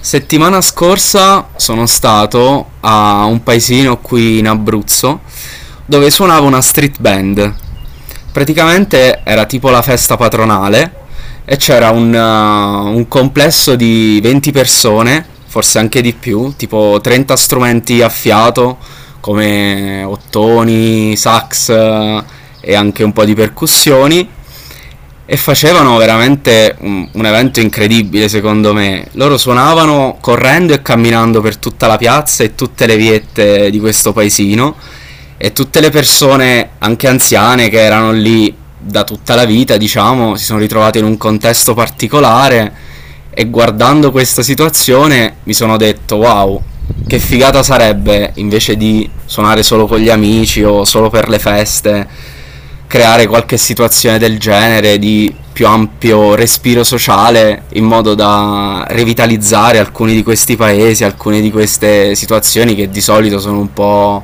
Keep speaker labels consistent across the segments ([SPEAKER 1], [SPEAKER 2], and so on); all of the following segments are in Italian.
[SPEAKER 1] Settimana scorsa sono stato a un paesino qui in Abruzzo dove suonava una street band. Praticamente era tipo la festa patronale e c'era un complesso di 20 persone, forse anche di più, tipo 30 strumenti a fiato come ottoni, sax, e anche un po' di percussioni e facevano veramente un evento incredibile secondo me. Loro suonavano correndo e camminando per tutta la piazza e tutte le viette di questo paesino e tutte le persone, anche anziane, che erano lì da tutta la vita, diciamo, si sono ritrovate in un contesto particolare e guardando questa situazione mi sono detto wow, che figata sarebbe invece di suonare solo con gli amici o solo per le feste creare qualche situazione del genere di più ampio respiro sociale in modo da revitalizzare alcuni di questi paesi, alcune di queste situazioni che di solito sono un po'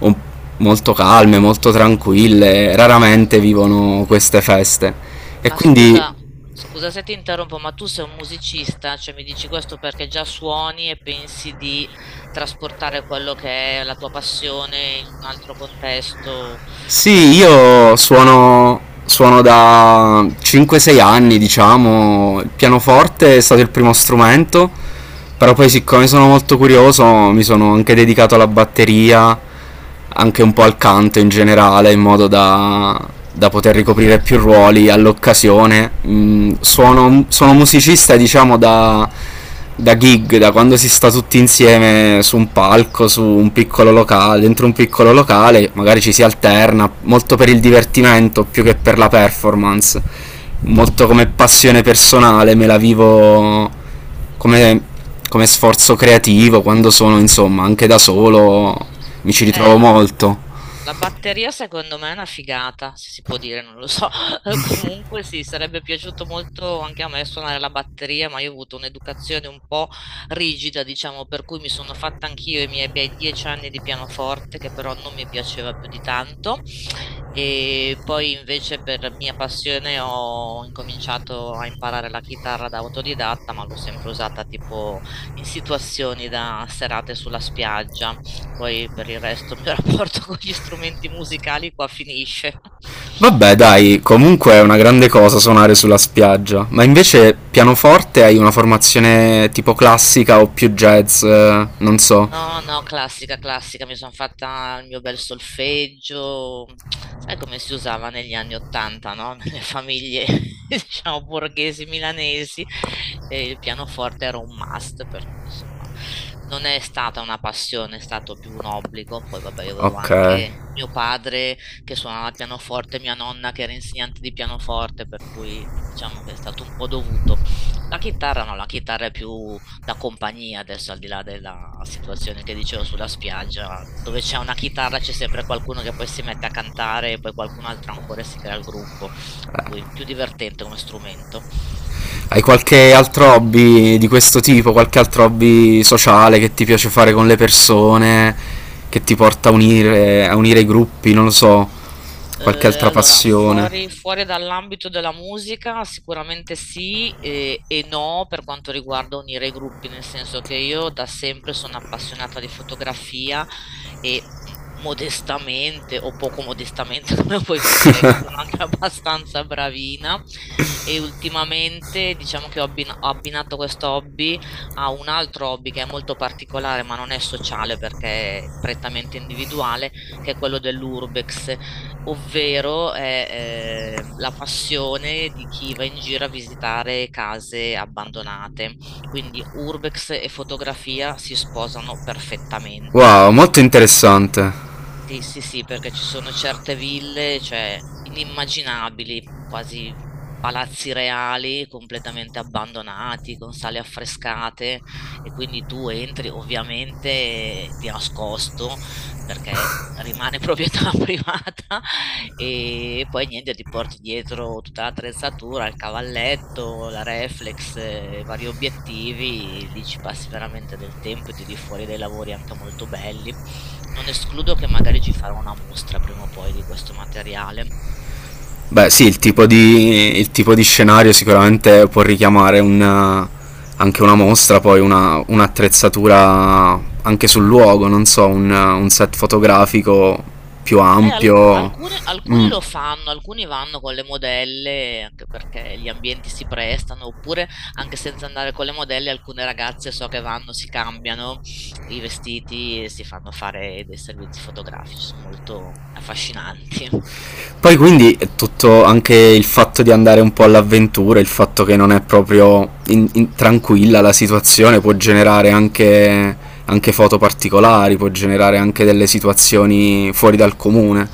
[SPEAKER 1] un- molto calme, molto tranquille, raramente vivono queste feste. E
[SPEAKER 2] Ma
[SPEAKER 1] quindi.
[SPEAKER 2] scusa, scusa se ti interrompo, ma tu sei un musicista, cioè mi dici questo perché già suoni e pensi di trasportare quello che è la tua passione in un altro contesto per
[SPEAKER 1] Sì, io
[SPEAKER 2] diversificarlo.
[SPEAKER 1] suono da 5-6 anni, diciamo. Il pianoforte è stato il primo strumento, però poi siccome sono molto curioso mi sono anche dedicato alla batteria, anche un po' al canto in generale, in modo da poter ricoprire più ruoli all'occasione. Sono musicista, diciamo, da gig, da quando si sta tutti insieme su un palco, su un piccolo locale, dentro un piccolo locale, magari ci si alterna molto per il divertimento più che per la performance,
[SPEAKER 2] Mhm.
[SPEAKER 1] molto come passione personale, me la vivo come, come sforzo creativo quando sono insomma anche da solo, mi ci ritrovo
[SPEAKER 2] Là.
[SPEAKER 1] molto.
[SPEAKER 2] La batteria secondo me è una figata, se si può dire, non lo so. Comunque sì, sarebbe piaciuto molto anche a me suonare la batteria, ma io ho avuto un'educazione un po' rigida, diciamo, per cui mi sono fatta anch'io i miei bei 10 anni di pianoforte, che però non mi piaceva più di tanto. E poi invece per mia passione ho incominciato a imparare la chitarra da autodidatta, ma l'ho sempre usata tipo in situazioni da serate sulla spiaggia. Poi per il resto il mio rapporto con gli strumenti musicali qua finisce.
[SPEAKER 1] Vabbè, dai, comunque è una grande cosa suonare sulla spiaggia. Ma invece pianoforte hai una formazione tipo classica o più jazz? Non so.
[SPEAKER 2] No, no, classica, classica, mi sono fatta il mio bel solfeggio, sai come si usava negli anni Ottanta, no? Nelle famiglie, diciamo, borghesi milanesi, e il pianoforte era un must, per cui insomma non è stata una passione, è stato più un obbligo. Poi vabbè, io avevo
[SPEAKER 1] Ok.
[SPEAKER 2] anche mio padre che suonava il pianoforte, mia nonna che era insegnante di pianoforte, per cui diciamo che è stato un po' dovuto. La chitarra no, la chitarra è più la compagnia, adesso al di là della situazione che dicevo sulla spiaggia, dove c'è una chitarra c'è sempre qualcuno che poi si mette a cantare e poi qualcun altro ancora si crea il gruppo, per cui più divertente come strumento.
[SPEAKER 1] Hai qualche altro hobby di questo tipo? Qualche altro hobby sociale che ti piace fare con le persone? Che ti porta a unire i gruppi? Non lo so. Qualche altra
[SPEAKER 2] Allora,
[SPEAKER 1] passione?
[SPEAKER 2] fuori dall'ambito della musica, sicuramente sì e no per quanto riguarda unire i gruppi, nel senso che io da sempre sono appassionata di fotografia e modestamente o poco modestamente, come puoi tu, direi che sono anche abbastanza bravina e ultimamente diciamo che ho abbinato questo hobby a un altro hobby che è molto particolare, ma non è sociale perché è prettamente individuale, che è quello dell'urbex ovvero è la passione di chi va in giro a visitare case abbandonate. Quindi urbex e fotografia si sposano perfettamente.
[SPEAKER 1] Wow, molto interessante.
[SPEAKER 2] Sì, sì, sì, perché ci sono certe ville, cioè inimmaginabili, quasi palazzi reali completamente abbandonati, con sale affrescate e quindi tu entri ovviamente di nascosto perché rimane proprietà privata e poi niente, ti porti dietro tutta l'attrezzatura, il cavalletto, la reflex, i vari obiettivi, lì ci passi veramente del tempo e tiri fuori dei lavori anche molto belli. Non escludo che magari ci farò una mostra prima o poi di questo materiale.
[SPEAKER 1] Beh, sì, il tipo di scenario sicuramente può richiamare anche una mostra, poi un'attrezzatura anche sul luogo, non so, un set fotografico più
[SPEAKER 2] Alcu-
[SPEAKER 1] ampio.
[SPEAKER 2] alcuni, alcuni
[SPEAKER 1] Mm.
[SPEAKER 2] lo fanno, alcuni vanno con le modelle, anche perché gli ambienti si prestano, oppure anche senza andare con le modelle, alcune ragazze so che vanno, si cambiano i vestiti e si fanno fare dei servizi fotografici, sono molto affascinanti.
[SPEAKER 1] Poi quindi è tutto anche il fatto di andare un po' all'avventura, il fatto che non è proprio tranquilla la situazione può generare anche foto particolari, può generare anche delle situazioni fuori dal comune.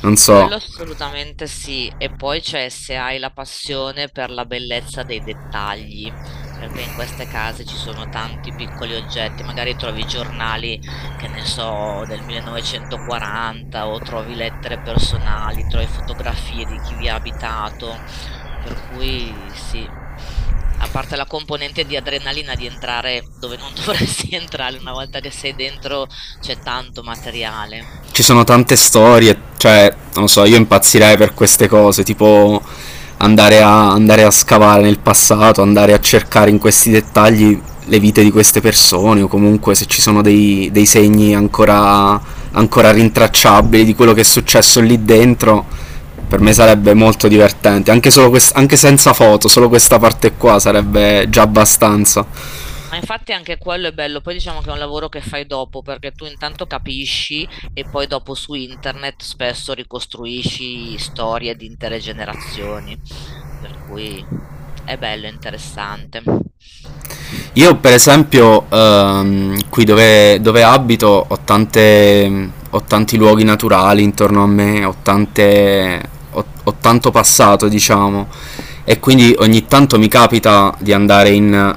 [SPEAKER 1] Non so,
[SPEAKER 2] Quello assolutamente sì, e poi c'è se hai la passione per la bellezza dei dettagli, perché in queste case ci sono tanti piccoli oggetti, magari trovi giornali, che ne so, del 1940 o trovi lettere personali, trovi fotografie di chi vi ha abitato, per cui sì, a parte la componente di adrenalina di entrare dove non dovresti entrare una volta che sei dentro, c'è tanto materiale.
[SPEAKER 1] ci sono, tante storie, cioè, non so, io impazzirei per queste cose, tipo andare a scavare nel passato, andare a cercare in questi dettagli le vite di queste persone o comunque se ci sono dei segni ancora rintracciabili di quello che è successo lì dentro, per me sarebbe molto divertente, anche, solo anche senza foto, solo questa parte qua sarebbe già abbastanza.
[SPEAKER 2] Ma infatti anche quello è bello, poi diciamo che è un lavoro che fai dopo perché tu intanto capisci e poi dopo su internet spesso ricostruisci storie di intere generazioni, per cui è bello, interessante.
[SPEAKER 1] Io per esempio qui dove abito ho tanti luoghi naturali intorno a me, ho tanto passato diciamo e quindi ogni tanto mi capita di andare in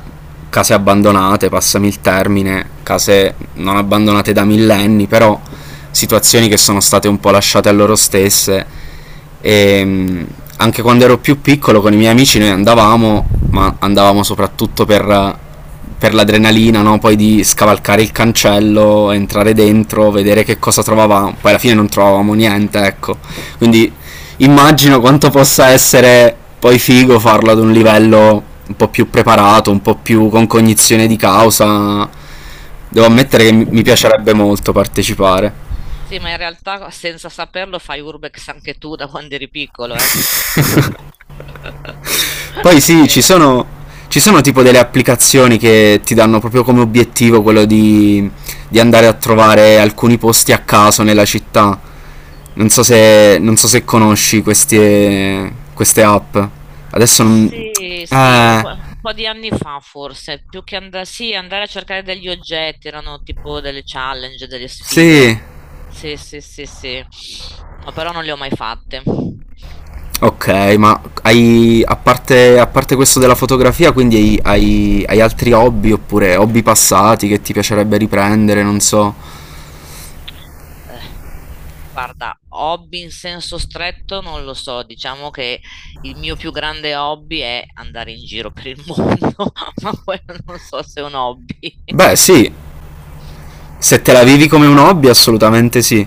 [SPEAKER 1] case abbandonate, passami il termine, case non abbandonate da millenni però situazioni che sono state un po' lasciate a loro stesse e, anche quando ero più piccolo con i miei amici noi andavamo, ma andavamo soprattutto per l'adrenalina, no? Poi di scavalcare il cancello, entrare dentro, vedere che cosa trovavamo, poi alla fine non trovavamo niente, ecco. Quindi immagino quanto possa essere poi figo farlo ad un livello un po' più preparato, un po' più con cognizione di causa. Devo ammettere che
[SPEAKER 2] Eh.
[SPEAKER 1] mi piacerebbe molto partecipare.
[SPEAKER 2] Sì, ma in realtà senza saperlo fai urbex anche tu da quando eri piccolo, eh?
[SPEAKER 1] Poi sì,
[SPEAKER 2] Perché...
[SPEAKER 1] ci
[SPEAKER 2] l-
[SPEAKER 1] sono, ci sono tipo delle applicazioni che ti danno proprio come obiettivo quello di andare a trovare alcuni posti a caso nella città. Non so se conosci queste app. Adesso non.
[SPEAKER 2] Sì, sì,
[SPEAKER 1] Eh,
[SPEAKER 2] un po' di anni fa forse, più che andare, sì, andare a cercare degli oggetti, erano tipo delle challenge, delle
[SPEAKER 1] sì.
[SPEAKER 2] sfide. Sì, sì, sì, sì. No, però non le ho mai fatte.
[SPEAKER 1] Ok, ma hai, a parte questo della fotografia, quindi hai altri hobby oppure hobby passati che ti piacerebbe riprendere, non so.
[SPEAKER 2] Eh, Guarda, hobby in senso stretto non lo so, diciamo che il mio più grande hobby è andare in giro per il mondo, ma quello non so se è un hobby.
[SPEAKER 1] Beh, sì, se te la vivi come un hobby, assolutamente sì.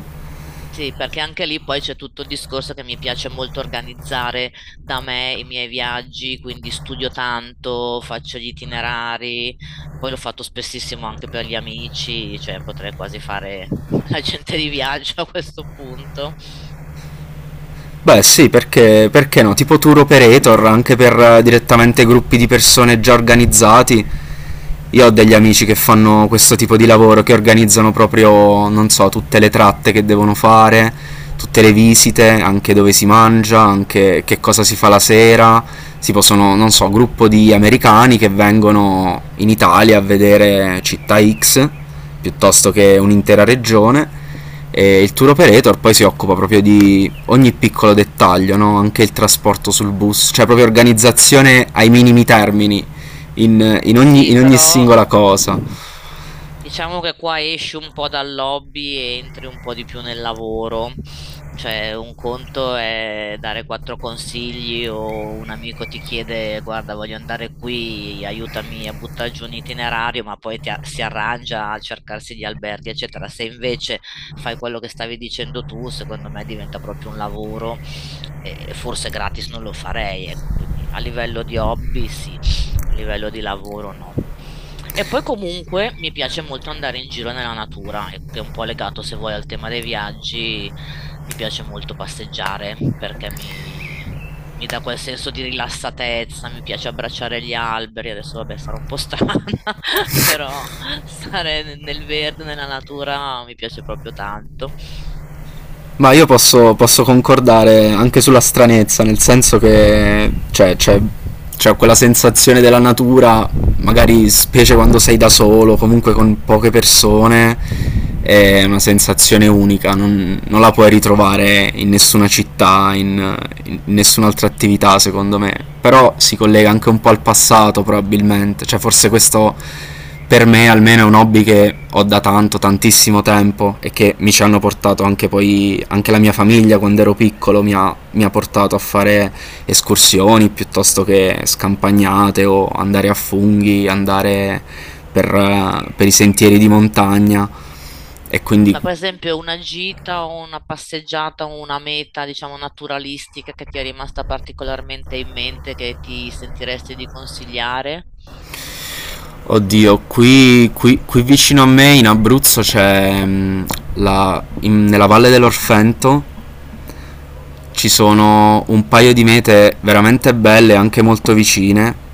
[SPEAKER 2] Sì, perché anche lì poi c'è tutto il discorso che mi piace molto organizzare da me i miei viaggi, quindi studio tanto, faccio gli itinerari, poi l'ho fatto spessissimo anche per gli amici, cioè potrei quasi fare l'agente di viaggio a questo punto.
[SPEAKER 1] Beh, sì, perché, perché no? Tipo tour operator, anche per direttamente gruppi di persone già organizzati. Io ho degli amici che fanno questo tipo di lavoro, che organizzano proprio, non so, tutte le tratte che devono fare, tutte le visite, anche dove si mangia, anche che cosa si fa la sera. Tipo sono, non so, gruppo di americani che vengono in Italia a vedere città X piuttosto che un'intera regione. E il tour operator poi si occupa proprio di ogni piccolo dettaglio, no? Anche il trasporto sul bus, cioè proprio organizzazione ai minimi termini in, in ogni,
[SPEAKER 2] Sì,
[SPEAKER 1] in ogni
[SPEAKER 2] però
[SPEAKER 1] singola cosa.
[SPEAKER 2] diciamo che qua esci un po' dal hobby e entri un po' di più nel lavoro. Cioè, un conto è dare quattro consigli o un amico ti chiede, guarda, voglio andare qui, aiutami a buttare giù un itinerario, ma poi si arrangia a cercarsi gli alberghi, eccetera. Se invece fai quello che stavi dicendo tu, secondo me diventa proprio un lavoro e forse gratis non lo farei, ecco. Quindi a livello di hobby, sì a livello di lavoro no. E poi comunque mi piace molto andare in giro nella natura, che è un po' legato se vuoi al tema dei viaggi, mi piace molto passeggiare perché mi dà quel senso di rilassatezza, mi piace abbracciare gli alberi, adesso vabbè sarò un po' strana, però stare nel verde, nella natura mi piace proprio tanto.
[SPEAKER 1] Ma io posso concordare anche sulla stranezza, nel senso che cioè, c'è, quella sensazione della natura magari specie quando sei da solo, comunque con poche persone, è una sensazione unica, non la puoi ritrovare in nessuna città, in nessun'altra attività secondo me, però si collega anche un po' al passato probabilmente, cioè forse questo per me almeno è un hobby che ho da tanto, tantissimo tempo e che mi ci hanno portato anche poi, anche la mia famiglia quando ero piccolo mi ha portato a fare escursioni piuttosto che scampagnate o andare a funghi, andare per i sentieri di montagna e
[SPEAKER 2] Mm,
[SPEAKER 1] quindi
[SPEAKER 2] ma per esempio una gita o una passeggiata o una meta, diciamo, naturalistica che ti è rimasta particolarmente in mente, che ti sentiresti di consigliare?
[SPEAKER 1] oddio qui vicino a me in Abruzzo c'è nella valle dell'Orfento ci sono un paio di mete veramente belle, anche molto vicine.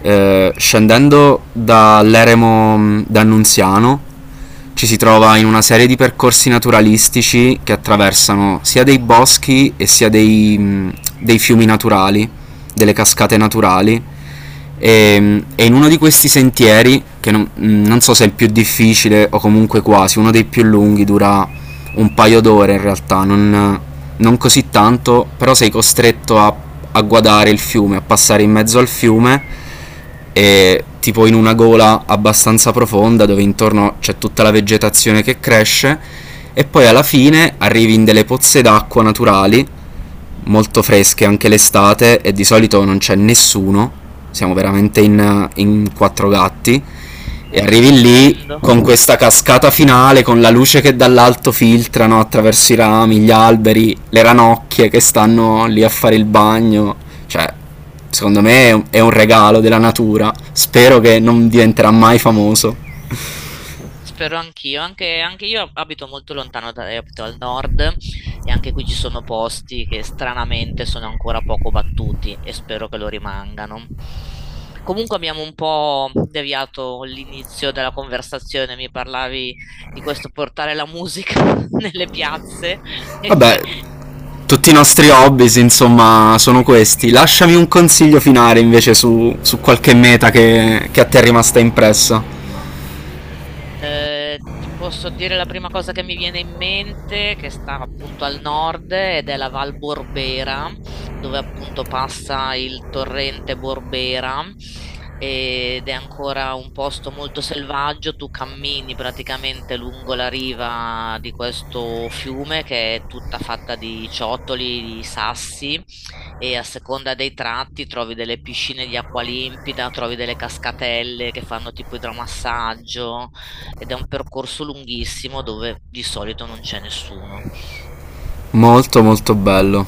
[SPEAKER 1] Scendendo dall'eremo d'Annunziano ci si trova in una serie di percorsi naturalistici che attraversano sia dei boschi e sia dei fiumi naturali, delle cascate naturali. E in uno di questi sentieri, che non so se è il più difficile o comunque quasi, uno dei più lunghi, dura un paio d'ore in realtà, non, così tanto, però sei costretto a guadare il fiume, a passare in mezzo al fiume e tipo in una gola abbastanza profonda dove intorno c'è tutta la vegetazione che cresce e poi alla fine arrivi in delle pozze d'acqua naturali molto fresche anche l'estate e di solito non c'è nessuno, siamo veramente in quattro gatti e
[SPEAKER 2] È
[SPEAKER 1] arrivi lì
[SPEAKER 2] stupendo.
[SPEAKER 1] con questa cascata finale, con la luce che dall'alto filtrano attraverso i rami, gli alberi, le ranocchie che stanno lì a fare il bagno. Cioè, secondo me è un regalo della natura. Spero che non diventerà mai famoso.
[SPEAKER 2] Spero anch'io, anche, anche io abito molto lontano, da, abito al nord e anche qui ci sono posti che stranamente sono ancora poco battuti e spero che lo rimangano. Comunque abbiamo un po' deviato l'inizio della conversazione, mi parlavi di questo portare la musica nelle piazze e
[SPEAKER 1] Vabbè,
[SPEAKER 2] poi...
[SPEAKER 1] tutti i nostri hobby, insomma, sono questi. Lasciami un consiglio finale invece su, qualche meta che a te è rimasta impressa.
[SPEAKER 2] Ti posso dire la prima cosa che mi viene in mente, che sta appunto al nord ed è la Val Borbera, dove appunto passa il torrente Borbera ed è ancora un posto molto selvaggio. Tu cammini praticamente lungo la riva di questo fiume che è tutta fatta di ciottoli, di sassi e a seconda dei tratti trovi delle piscine di acqua limpida, trovi delle cascatelle che fanno tipo idromassaggio ed è un percorso lunghissimo dove di solito non c'è nessuno.
[SPEAKER 1] Molto molto bello.